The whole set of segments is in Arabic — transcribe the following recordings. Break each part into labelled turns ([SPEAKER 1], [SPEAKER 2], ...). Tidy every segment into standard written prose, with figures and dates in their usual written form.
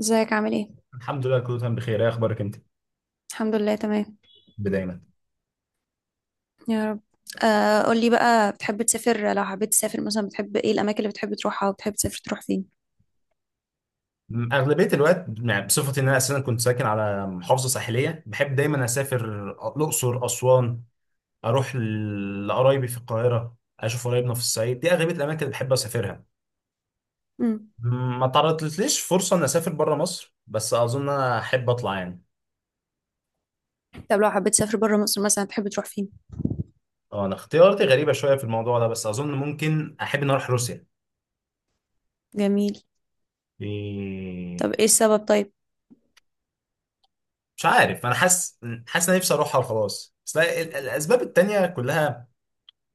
[SPEAKER 1] ازيك عامل ايه؟
[SPEAKER 2] الحمد لله كله تمام بخير. ايه اخبارك انت؟
[SPEAKER 1] الحمد لله تمام.
[SPEAKER 2] دايما.
[SPEAKER 1] يا رب. قولي بقى بتحب تسافر لو حبيت تسافر مثلا بتحب ايه الاماكن اللي بتحب تروحها وبتحب تسافر تروح فين؟
[SPEAKER 2] اغلبيه الوقت يعني، بصفتي ان انا اساسا كنت ساكن على محافظه ساحليه، بحب دايما اسافر الاقصر، اسوان، اروح لقرايبي في القاهره، اشوف قرايبنا في الصعيد. دي اغلبيه الاماكن اللي بحب اسافرها.
[SPEAKER 1] مم.
[SPEAKER 2] ما تعرضتليش فرصه ان اسافر بره مصر، بس اظن انا احب اطلع يعني.
[SPEAKER 1] طب لو حبيت تسافر بره مصر مثلا بتحب تروح فين؟
[SPEAKER 2] اه، انا اختياراتي غريبه شويه في الموضوع ده، بس اظن ممكن احب ان اروح روسيا.
[SPEAKER 1] جميل. طب
[SPEAKER 2] إيه،
[SPEAKER 1] ايه السبب طيب؟
[SPEAKER 2] مش عارف. انا حاسس، ان أنا نفسي اروحها وخلاص. بس لا، الاسباب التانيه كلها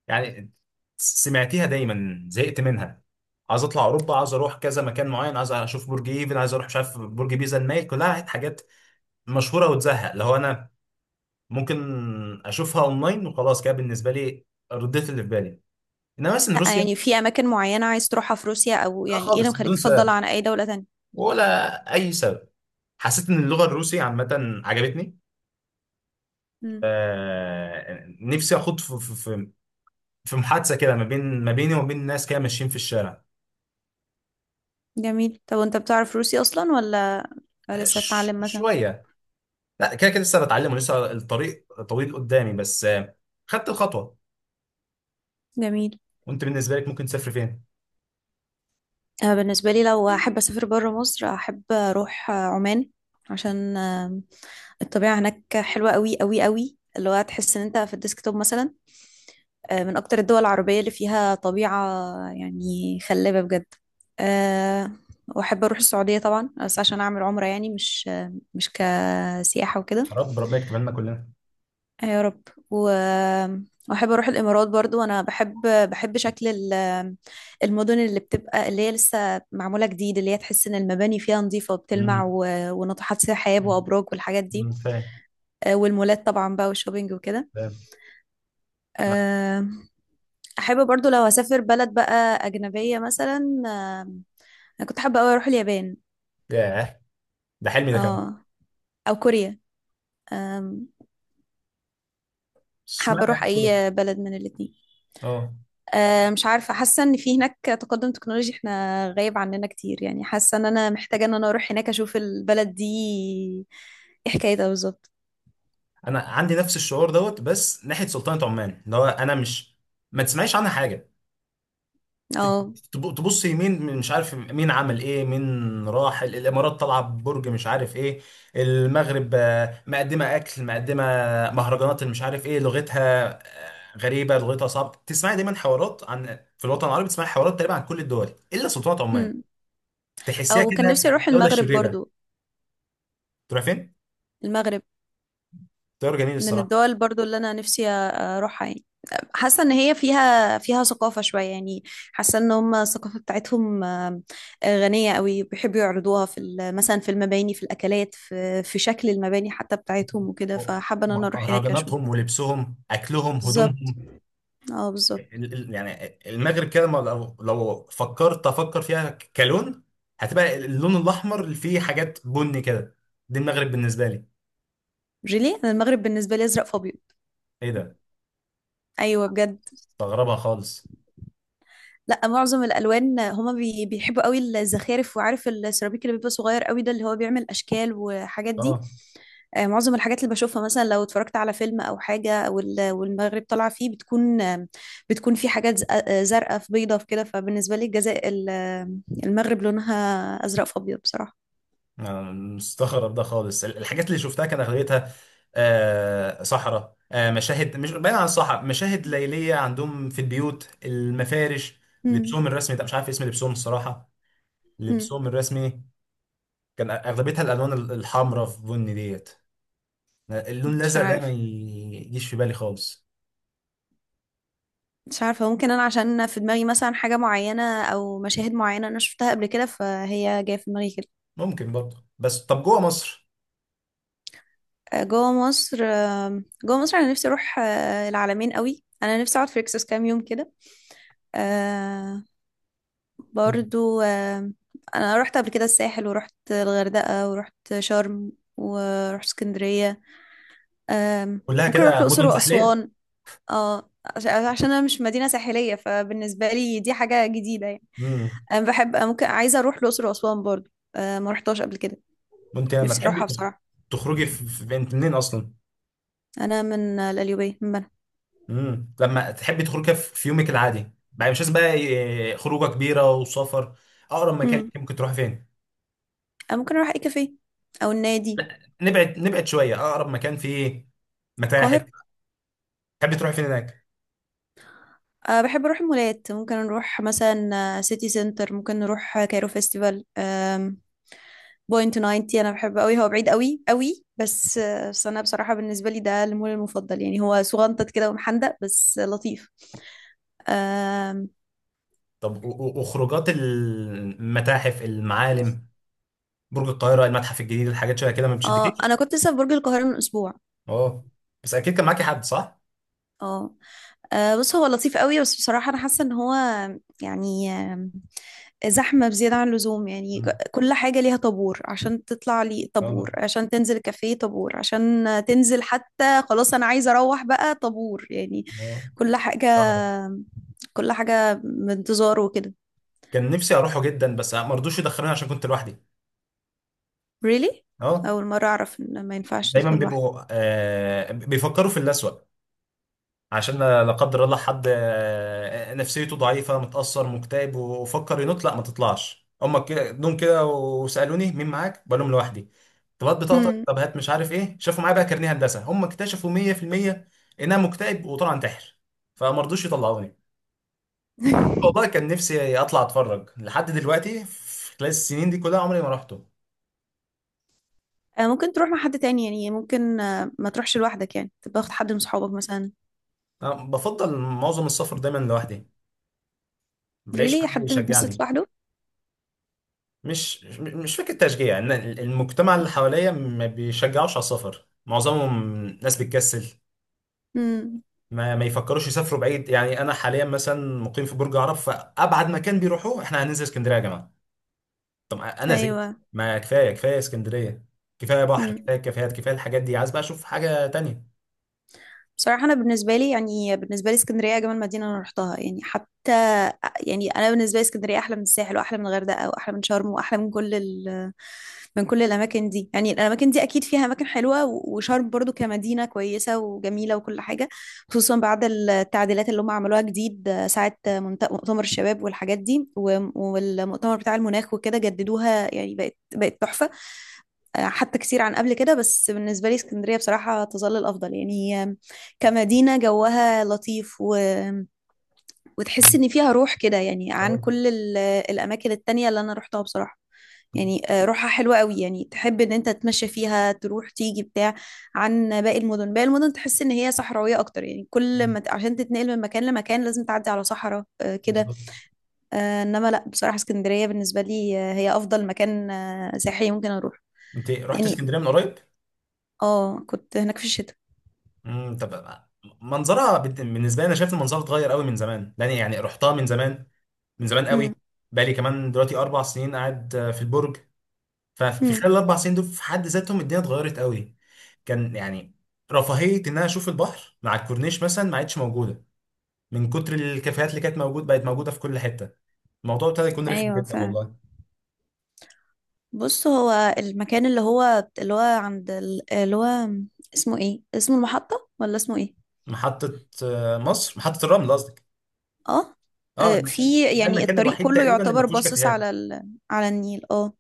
[SPEAKER 2] يعني سمعتيها دايما، زهقت منها. عايز اطلع اوروبا، عايز اروح كذا مكان معين، عايز اشوف برج ايفل، عايز اروح مش عارف برج بيزا المايل، كلها حاجات مشهوره وتزهق. اللي هو انا ممكن اشوفها اونلاين وخلاص كده بالنسبه لي. رديت اللي في بالي. انما مثلا
[SPEAKER 1] لا
[SPEAKER 2] روسيا.
[SPEAKER 1] يعني في اماكن معينة عايز تروحها في روسيا او
[SPEAKER 2] لا،
[SPEAKER 1] يعني ايه اللي
[SPEAKER 2] خالص
[SPEAKER 1] مخليك
[SPEAKER 2] بدون سبب،
[SPEAKER 1] تفضلها عن اي دولة تانية؟
[SPEAKER 2] ولا اي سبب. حسيت ان اللغه الروسيه عامه عجبتني.
[SPEAKER 1] مم.
[SPEAKER 2] آه، نفسي اخوض في في محادثه كده، ما بين، ما بيني وما بين ناس كده ماشيين في الشارع.
[SPEAKER 1] جميل. طب وانت بتعرف روسي اصلا ولا لسه تتعلم مثلا؟
[SPEAKER 2] شويه. لا، كده كده لسه بتعلم ولسه الطريق طويل قدامي، بس خدت الخطوه.
[SPEAKER 1] جميل.
[SPEAKER 2] وانت بالنسبه لك ممكن تسافر فين؟
[SPEAKER 1] بالنسبة لي لو احب اسافر بره مصر احب اروح عمان. عشان الطبيعة هناك حلوة قوي قوي قوي، اللي هو هتحس ان انت في الديسكتوب مثلا. من اكتر الدول العربية اللي فيها طبيعة يعني خلابة بجد. آه، واحب اروح السعودية طبعا، بس عشان اعمل عمرة يعني مش كسياحة وكده.
[SPEAKER 2] يا رب ربنا يكتبها لنا كلنا.
[SPEAKER 1] يا رب. و... واحب اروح الامارات برضو، انا بحب، بحب شكل المدن اللي بتبقى، اللي هي لسه معمولة جديد، اللي هي تحس ان المباني فيها نظيفة وبتلمع
[SPEAKER 2] امم.
[SPEAKER 1] و... وناطحات سحاب وابراج والحاجات دي.
[SPEAKER 2] أمم، فاهم.
[SPEAKER 1] والمولات طبعا بقى والشوبينج وكده.
[SPEAKER 2] فاهم. لا.
[SPEAKER 1] آه، احب برضو لو هسافر بلد بقى اجنبيه مثلا، انا كنت حابه قوي اروح اليابان.
[SPEAKER 2] ياه، ده حلمي ده كمان.
[SPEAKER 1] اه. او كوريا. آم،
[SPEAKER 2] بس
[SPEAKER 1] حابه
[SPEAKER 2] اشمعنى
[SPEAKER 1] اروح
[SPEAKER 2] يعني كده؟
[SPEAKER 1] اي بلد من الاتنين.
[SPEAKER 2] اه،
[SPEAKER 1] مش عارفه، حاسه ان في هناك تقدم تكنولوجي احنا غايب عننا كتير، يعني حاسه ان انا محتاجه ان انا اروح هناك اشوف البلد دي ايه حكايتها بالظبط.
[SPEAKER 2] انا عندي نفس الشعور دوت، بس ناحيه سلطنه عمان. اللي هو انا مش ما تسمعيش عنها حاجه.
[SPEAKER 1] اه.
[SPEAKER 2] تبص يمين مش عارف مين عمل ايه، مين راح الامارات، طالعه ببرج مش عارف ايه، المغرب، مقدمه اكل، مقدمه مهرجانات اللي مش عارف ايه لغتها، غريبه لغتها صعبه. تسمعي دايما حوارات عن في الوطن العربي، تسمعي حوارات تقريبا عن كل الدول الا سلطنه عمان.
[SPEAKER 1] أمم.
[SPEAKER 2] تحسيها
[SPEAKER 1] او كان
[SPEAKER 2] كانها
[SPEAKER 1] نفسي اروح
[SPEAKER 2] دوله
[SPEAKER 1] المغرب
[SPEAKER 2] شريره.
[SPEAKER 1] برضو.
[SPEAKER 2] تروح فين؟
[SPEAKER 1] المغرب
[SPEAKER 2] طيار جميل
[SPEAKER 1] من
[SPEAKER 2] الصراحه.
[SPEAKER 1] الدول برضو اللي انا نفسي اروحها يعني، حاسه ان هي فيها ثقافه شويه يعني. حاسه ان هم الثقافه بتاعتهم غنيه قوي، بيحبوا يعرضوها مثلا في المباني، في الاكلات، في شكل المباني حتى بتاعتهم وكده، فحابه ان انا اروح هناك اشوف.
[SPEAKER 2] مهرجاناتهم ولبسهم اكلهم
[SPEAKER 1] بالظبط.
[SPEAKER 2] هدومهم.
[SPEAKER 1] اه بالظبط.
[SPEAKER 2] يعني المغرب كده، ما لو فكرت افكر فيها كلون، هتبقى اللون الاحمر اللي فيه حاجات بني كده. دي المغرب بالنسبه لي.
[SPEAKER 1] جيلي انا المغرب بالنسبه لي ازرق فابيض.
[SPEAKER 2] ايه ده؟
[SPEAKER 1] ايوه بجد.
[SPEAKER 2] مستغربها خالص.
[SPEAKER 1] لا، معظم الالوان هما بيحبوا قوي الزخارف، وعارف السيراميك اللي بيبقى صغير قوي ده اللي هو بيعمل اشكال وحاجات دي.
[SPEAKER 2] اه،
[SPEAKER 1] معظم الحاجات اللي بشوفها مثلا لو اتفرجت على فيلم او حاجه وال- والمغرب طالعه فيه، بتكون في حاجات زرقاء، في بيضه، في كده، فبالنسبه لي الجزاء ال- آم، المغرب لونها ازرق في ابيض بصراحه.
[SPEAKER 2] أنا مستغرب ده خالص. الحاجات اللي شفتها كان اغلبيتها صحراء، مشاهد مش بعيد عن الصحراء، مشاهد ليليه عندهم في البيوت، المفارش،
[SPEAKER 1] مم.
[SPEAKER 2] لبسهم الرسمي، ده مش عارف اسم لبسهم الصراحه.
[SPEAKER 1] مم.
[SPEAKER 2] لبسهم الرسمي كان اغلبيتها الالوان الحمراء في بني ديت. اللون
[SPEAKER 1] مش
[SPEAKER 2] الازرق ده ما
[SPEAKER 1] عارف
[SPEAKER 2] يجيش في بالي خالص.
[SPEAKER 1] مش عارفه ممكن انا عشان في دماغي مثلا حاجه معينه او مشاهد معينه انا شفتها قبل كده، فهي جايه في دماغي كده.
[SPEAKER 2] ممكن برضه. بس طب جوه مصر؟
[SPEAKER 1] جوه مصر انا نفسي اروح العلمين قوي، انا نفسي اقعد في ريكسوس كام يوم كده. آه، برضو انا رحت قبل كده الساحل ورحت الغردقة ورحت شرم ورحت اسكندرية. آم،
[SPEAKER 2] كلها
[SPEAKER 1] ممكن اروح
[SPEAKER 2] كده
[SPEAKER 1] الاقصر
[SPEAKER 2] مدن ساحليه.
[SPEAKER 1] واسوان. اه. عشان انا مش مدينة ساحلية، فبالنسبة لي دي حاجة جديدة يعني.
[SPEAKER 2] امم.
[SPEAKER 1] انا بحب أنا ممكن عايزة اروح الاقصر واسوان برضو. ما رحتهاش قبل كده.
[SPEAKER 2] وانت لما
[SPEAKER 1] نفسي
[SPEAKER 2] تحبي
[SPEAKER 1] اروحها بصراحة.
[SPEAKER 2] تخرجي انت منين اصلا؟
[SPEAKER 1] انا من القليوبية، من بنها.
[SPEAKER 2] امم، لما تحبي تخرجي في يومك العادي بقى، مش لازم بقى خروجه كبيره وسفر، اقرب مكان
[SPEAKER 1] مم.
[SPEAKER 2] ليكي ممكن تروحي فين؟
[SPEAKER 1] انا ممكن اروح اي كافيه، او النادي.
[SPEAKER 2] نبعد، نبعد شويه. اقرب مكان فيه متاحف،
[SPEAKER 1] القاهرة.
[SPEAKER 2] تحبي تروحي فين هناك؟
[SPEAKER 1] أه بحب أروح مولات، ممكن نروح مثلا سيتي سنتر، ممكن نروح كايرو فيستيفال بوينت 90، انا بحبه قوي. هو بعيد قوي قوي، بس انا بصراحه بالنسبه لي ده المول المفضل يعني، هو صغنطط كده ومحندق، بس لطيف. آم،
[SPEAKER 2] طب وخروجات المتاحف، المعالم، برج القاهره، المتحف الجديد، الحاجات شويه كده ما
[SPEAKER 1] اه،
[SPEAKER 2] بتشدكيش.
[SPEAKER 1] انا كنت لسه في برج القاهره من اسبوع.
[SPEAKER 2] اه، بس اكيد كان معاكي حد، صح؟
[SPEAKER 1] اه. بص، هو لطيف قوي، بس بصراحه انا حاسه ان هو يعني زحمه بزياده عن اللزوم، يعني
[SPEAKER 2] مم.
[SPEAKER 1] كل حاجه ليها طابور، عشان تطلع لي
[SPEAKER 2] اه.
[SPEAKER 1] طابور، عشان تنزل كافيه طابور، عشان تنزل حتى خلاص انا عايزه اروح بقى طابور، يعني
[SPEAKER 2] اه.
[SPEAKER 1] كل حاجه
[SPEAKER 2] اه.
[SPEAKER 1] كل حاجة بانتظار وكده.
[SPEAKER 2] كان نفسي اروحه جدا، بس ما رضوش يدخلوني عشان كنت لوحدي.
[SPEAKER 1] Really؟
[SPEAKER 2] اه.
[SPEAKER 1] أول مرة أعرف إن ما ينفعش
[SPEAKER 2] دايما
[SPEAKER 1] تدخل لوحدك.
[SPEAKER 2] بيبقوا بيفكروا في الأسوأ، عشان لا قدر الله حد نفسيته ضعيفة متأثر مكتئب وفكر ينط، لا ما تطلعش، هما كده جم كده وسألوني مين معاك؟ بقول لهم لوحدي. طب هات بطاقتك،
[SPEAKER 1] مم.
[SPEAKER 2] طب هات، مش عارف ايه، شافوا معايا بقى كارنيه هندسة، هما اكتشفوا 100% انها مكتئب وطلع انتحر، فما رضوش يطلعوني. والله كان نفسي اطلع اتفرج، لحد دلوقتي في خلال السنين دي كلها عمري ما رحته.
[SPEAKER 1] ممكن تروح مع حد تاني، يعني ممكن ما تروحش لوحدك، يعني تبقى واخد حد من صحابك مثلا.
[SPEAKER 2] أنا بفضل معظم السفر دايما لوحدي، بلاقيش
[SPEAKER 1] Really؟
[SPEAKER 2] حد
[SPEAKER 1] حد بيتبسط
[SPEAKER 2] يشجعني.
[SPEAKER 1] لوحده؟
[SPEAKER 2] مش فكرة تشجيع، ان المجتمع اللي حواليا ما بيشجعوش على السفر معظمهم. ناس بتكسل،
[SPEAKER 1] مم.
[SPEAKER 2] ما يفكروش يسافروا بعيد يعني. انا حاليا مثلا مقيم في برج عرب، فابعد مكان بيروحوه احنا هننزل اسكندرية يا جماعة. طب انا زهقت،
[SPEAKER 1] أيوة.
[SPEAKER 2] ما كفاية كفاية اسكندرية، كفاية بحر،
[SPEAKER 1] مم.
[SPEAKER 2] كفاية كافيهات، كفاية الحاجات دي، عايز بقى اشوف حاجة تانية.
[SPEAKER 1] بصراحة أنا بالنسبة لي اسكندرية أجمل مدينة أنا رحتها، يعني حتى يعني أنا بالنسبة لي اسكندرية أحلى من الساحل وأحلى من الغردقة وأحلى من شرم وأحلى من كل، من كل الأماكن دي. يعني الأماكن دي أكيد فيها أماكن حلوة و- وشرم برضو كمدينة كويسة وجميلة وكل حاجة، خصوصا بعد التعديلات اللي هم عملوها جديد ساعة مؤتمر الشباب والحاجات دي و- والمؤتمر بتاع المناخ وكده، جددوها يعني، بقت تحفة حتى كتير عن قبل كده، بس بالنسبة لي اسكندرية بصراحة تظل الأفضل، يعني هي كمدينة جوها لطيف و وتحس
[SPEAKER 2] مم.
[SPEAKER 1] ان فيها روح كده، يعني عن
[SPEAKER 2] أه.
[SPEAKER 1] كل الاماكن التانية اللي انا روحتها بصراحة. يعني روحها حلوة قوي، يعني تحب ان انت تتمشى فيها، تروح تيجي بتاع، عن باقي المدن تحس ان هي صحراوية اكتر، يعني كل ما ت- عشان تتنقل من مكان لمكان لازم تعدي على صحراء كده.
[SPEAKER 2] بالظبط.
[SPEAKER 1] انما لا، بصراحة اسكندرية بالنسبة لي هي افضل مكان سياحي ممكن اروح
[SPEAKER 2] انت رحت
[SPEAKER 1] يعني.
[SPEAKER 2] اسكندريه من قريب؟
[SPEAKER 1] اه كنت هناك في الشتاء.
[SPEAKER 2] امم، طب منظرها بالنسبه لي انا شايف المنظر اتغير قوي من زمان، لان يعني رحتها من زمان، من زمان قوي.
[SPEAKER 1] امم.
[SPEAKER 2] بقالي كمان دلوقتي اربع سنين قاعد في البرج. ففي
[SPEAKER 1] امم.
[SPEAKER 2] خلال الاربع سنين دول في حد ذاتهم الدنيا اتغيرت قوي. كان يعني رفاهيه ان انا اشوف البحر مع الكورنيش مثلا ما عادش موجوده، من كتر الكافيهات اللي كانت موجود بقت موجوده في كل حته. الموضوع ابتدى يكون رخم
[SPEAKER 1] ايوه
[SPEAKER 2] جدا،
[SPEAKER 1] فعلا.
[SPEAKER 2] والله.
[SPEAKER 1] بص، هو المكان اللي هو عند اللي هو اسمه ايه، اسمه المحطة ولا اسمه ايه؟
[SPEAKER 2] محطه مصر، محطه الرمل قصدك؟
[SPEAKER 1] اه.
[SPEAKER 2] اه.
[SPEAKER 1] في،
[SPEAKER 2] ده
[SPEAKER 1] يعني
[SPEAKER 2] المكان
[SPEAKER 1] الطريق
[SPEAKER 2] الوحيد
[SPEAKER 1] كله
[SPEAKER 2] تقريبا اللي ما
[SPEAKER 1] يعتبر
[SPEAKER 2] فيهوش
[SPEAKER 1] باصص
[SPEAKER 2] كافيهات.
[SPEAKER 1] على على النيل. اه.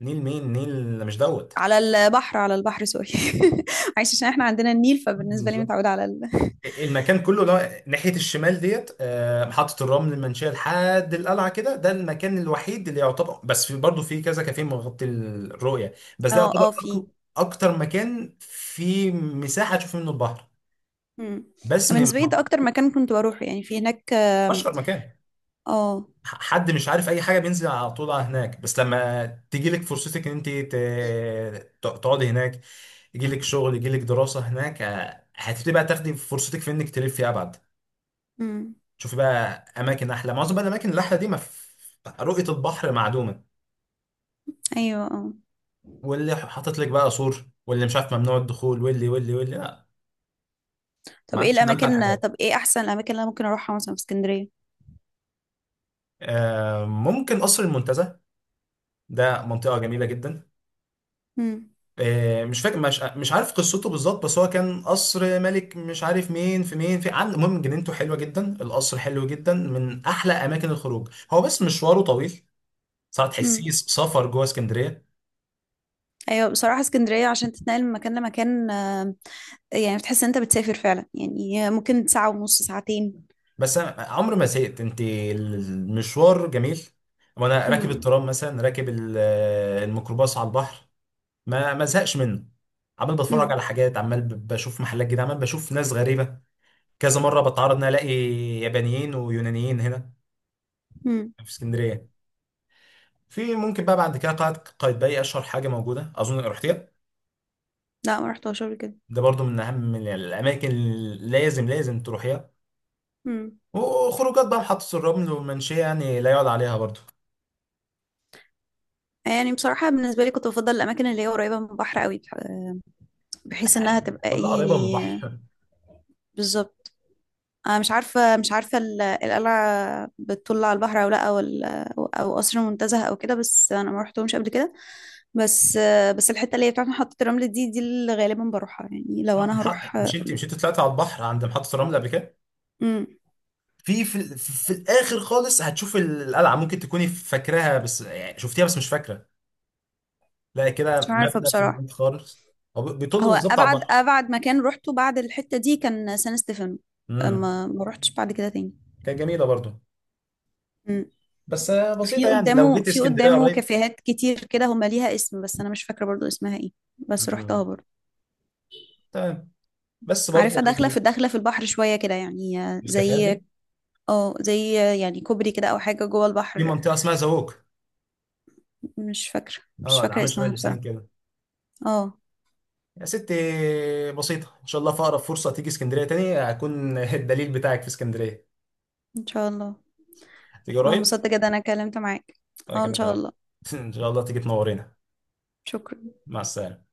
[SPEAKER 2] نيل مين؟ نيل مش دوت.
[SPEAKER 1] على البحر، على البحر، سوري. عايش، عشان احنا عندنا النيل، فبالنسبة لي
[SPEAKER 2] بالظبط.
[SPEAKER 1] متعودة على
[SPEAKER 2] المكان كله ده ناحية الشمال ديت، محطة الرمل، المنشية لحد القلعة كده، ده المكان الوحيد اللي يعتبر، بس في برضه في كذا كافيه مغطي الرؤية، بس ده
[SPEAKER 1] اه،
[SPEAKER 2] يعتبر
[SPEAKER 1] اه، في.
[SPEAKER 2] أكتر مكان فيه مساحة تشوف منه البحر،
[SPEAKER 1] مم.
[SPEAKER 2] بس من
[SPEAKER 1] بالنسبة لي ده اكتر مكان كنت بروحه، يعني في هناك
[SPEAKER 2] أشهر مكان.
[SPEAKER 1] اه.
[SPEAKER 2] حد مش عارف اي حاجه بينزل على طول على هناك، بس لما تيجي لك فرصتك ان انت تقعدي هناك، يجي لك شغل، يجي لك دراسه هناك، هتبتدي بقى تاخدي فرصتك في انك تلفي ابعد،
[SPEAKER 1] مم.
[SPEAKER 2] تشوفي بقى اماكن احلى. معظم بقى الاماكن الاحلى دي ما في- رؤيه البحر معدومه،
[SPEAKER 1] ايوه. اه.
[SPEAKER 2] واللي حاطط لك بقى سور، واللي مش عارف ممنوع الدخول، واللي واللي واللي، لا، ما عادش من امتع الحاجات.
[SPEAKER 1] طب ايه احسن الاماكن اللي انا ممكن اروحها مثلا في اسكندرية؟
[SPEAKER 2] ممكن قصر المنتزه، ده منطقه جميله جدا.
[SPEAKER 1] مم.
[SPEAKER 2] مش فاكر، مش عارف قصته بالظبط، بس هو كان قصر ملك مش عارف مين في مين في، عن المهم جنينته حلوه جدا، القصر حلو جدا، من احلى اماكن الخروج هو، بس مشواره طويل، صراحه
[SPEAKER 1] مم.
[SPEAKER 2] تحسيه سفر جوه اسكندريه.
[SPEAKER 1] ايوه، بصراحه اسكندريه عشان تتنقل من مكان لمكان يعني بتحس ان انت بتسافر فعلا، يعني ممكن ساعه ونص، ساعتين.
[SPEAKER 2] بس أنا عمري ما زهقت، انت المشوار جميل، وانا راكب
[SPEAKER 1] امم.
[SPEAKER 2] الترام مثلا، راكب الميكروباص على البحر، ما زهقش منه، عمال بتفرج
[SPEAKER 1] امم.
[SPEAKER 2] على حاجات، عمال بشوف محلات جديده، عمال بشوف ناس غريبه، كذا مره بتعرض ان أنا الاقي يابانيين ويونانيين هنا
[SPEAKER 1] امم.
[SPEAKER 2] في اسكندريه. في ممكن بقى بعد كده قلعة قايتباي، اشهر حاجه موجوده، اظن رحتيها.
[SPEAKER 1] لا، ما رحتهاش قبل كده.
[SPEAKER 2] ده برضو من اهم من الاماكن اللي لازم تروحيها.
[SPEAKER 1] امم.
[SPEAKER 2] وخروجات بقى محطه الرمل والمنشيه، يعني لا يعلى عليها برضو.
[SPEAKER 1] يعني بصراحه بالنسبه لي كنت بفضل الاماكن اللي هي قريبه من البحر قوي، بحيث انها تبقى
[SPEAKER 2] كلها
[SPEAKER 1] ايه
[SPEAKER 2] قريبه من
[SPEAKER 1] يعني.
[SPEAKER 2] البحر.
[SPEAKER 1] بالظبط. انا مش عارفه القلعه بتطل على البحر او لا، او ال- او أو قصر منتزه او كده، بس انا ما رحتهمش قبل كده. بس الحته اللي هي بتاعت محطه الرمل دي اللي غالبا بروحها، يعني لو انا
[SPEAKER 2] محط...
[SPEAKER 1] هروح.
[SPEAKER 2] مش انت طلعت على البحر عند محطه الرمل قبل كده؟ في في, ال- في في الاخر خالص هتشوف القلعه، ممكن تكوني فاكراها بس يعني، شفتيها بس مش فاكره. لا كده
[SPEAKER 1] مش عارفة
[SPEAKER 2] مبنى في
[SPEAKER 1] بصراحة.
[SPEAKER 2] البيت خالص. هو بيطل
[SPEAKER 1] هو
[SPEAKER 2] بالظبط على
[SPEAKER 1] أبعد
[SPEAKER 2] البحر.
[SPEAKER 1] أبعد مكان روحته بعد الحتة دي كان سان ستيفانو.
[SPEAKER 2] امم.
[SPEAKER 1] ما روحتش بعد كده تاني.
[SPEAKER 2] كانت جميله برضو،
[SPEAKER 1] مم.
[SPEAKER 2] بس
[SPEAKER 1] في
[SPEAKER 2] بسيطه يعني، لو
[SPEAKER 1] قدامه
[SPEAKER 2] جيت
[SPEAKER 1] في
[SPEAKER 2] اسكندريه
[SPEAKER 1] قدامه
[SPEAKER 2] قريب.
[SPEAKER 1] كافيهات كتير كده، هما ليها اسم بس أنا مش فاكرة برضو اسمها ايه. بس روحتها
[SPEAKER 2] مم.
[SPEAKER 1] برضو.
[SPEAKER 2] تمام. بس برضه
[SPEAKER 1] عارفة داخلة
[SPEAKER 2] يعني
[SPEAKER 1] في داخلة في البحر شوية كده، يعني
[SPEAKER 2] الكافيهات
[SPEAKER 1] زي،
[SPEAKER 2] دي.
[SPEAKER 1] اه زي، يعني كوبري كده أو حاجة جوه
[SPEAKER 2] في
[SPEAKER 1] البحر.
[SPEAKER 2] منطقه اسمها زووك.
[SPEAKER 1] مش فاكرة مش
[SPEAKER 2] اه، ده
[SPEAKER 1] فاكرة
[SPEAKER 2] عامل شبه
[SPEAKER 1] اسمها
[SPEAKER 2] لسان
[SPEAKER 1] بصراحة.
[SPEAKER 2] كده.
[SPEAKER 1] اه
[SPEAKER 2] يا ستي بسيطه، ان شاء الله في اقرب فرصه تيجي اسكندريه تاني، هكون الدليل بتاعك في اسكندريه،
[SPEAKER 1] إن شاء الله.
[SPEAKER 2] تيجي
[SPEAKER 1] أنا
[SPEAKER 2] قريب.
[SPEAKER 1] انبسطت جدا أنا اتكلمت معاك.
[SPEAKER 2] انا
[SPEAKER 1] اه إن
[SPEAKER 2] كمان
[SPEAKER 1] شاء
[SPEAKER 2] أهو.
[SPEAKER 1] الله.
[SPEAKER 2] ان شاء الله تيجي تنورينا.
[SPEAKER 1] شكرا.
[SPEAKER 2] مع السلامه.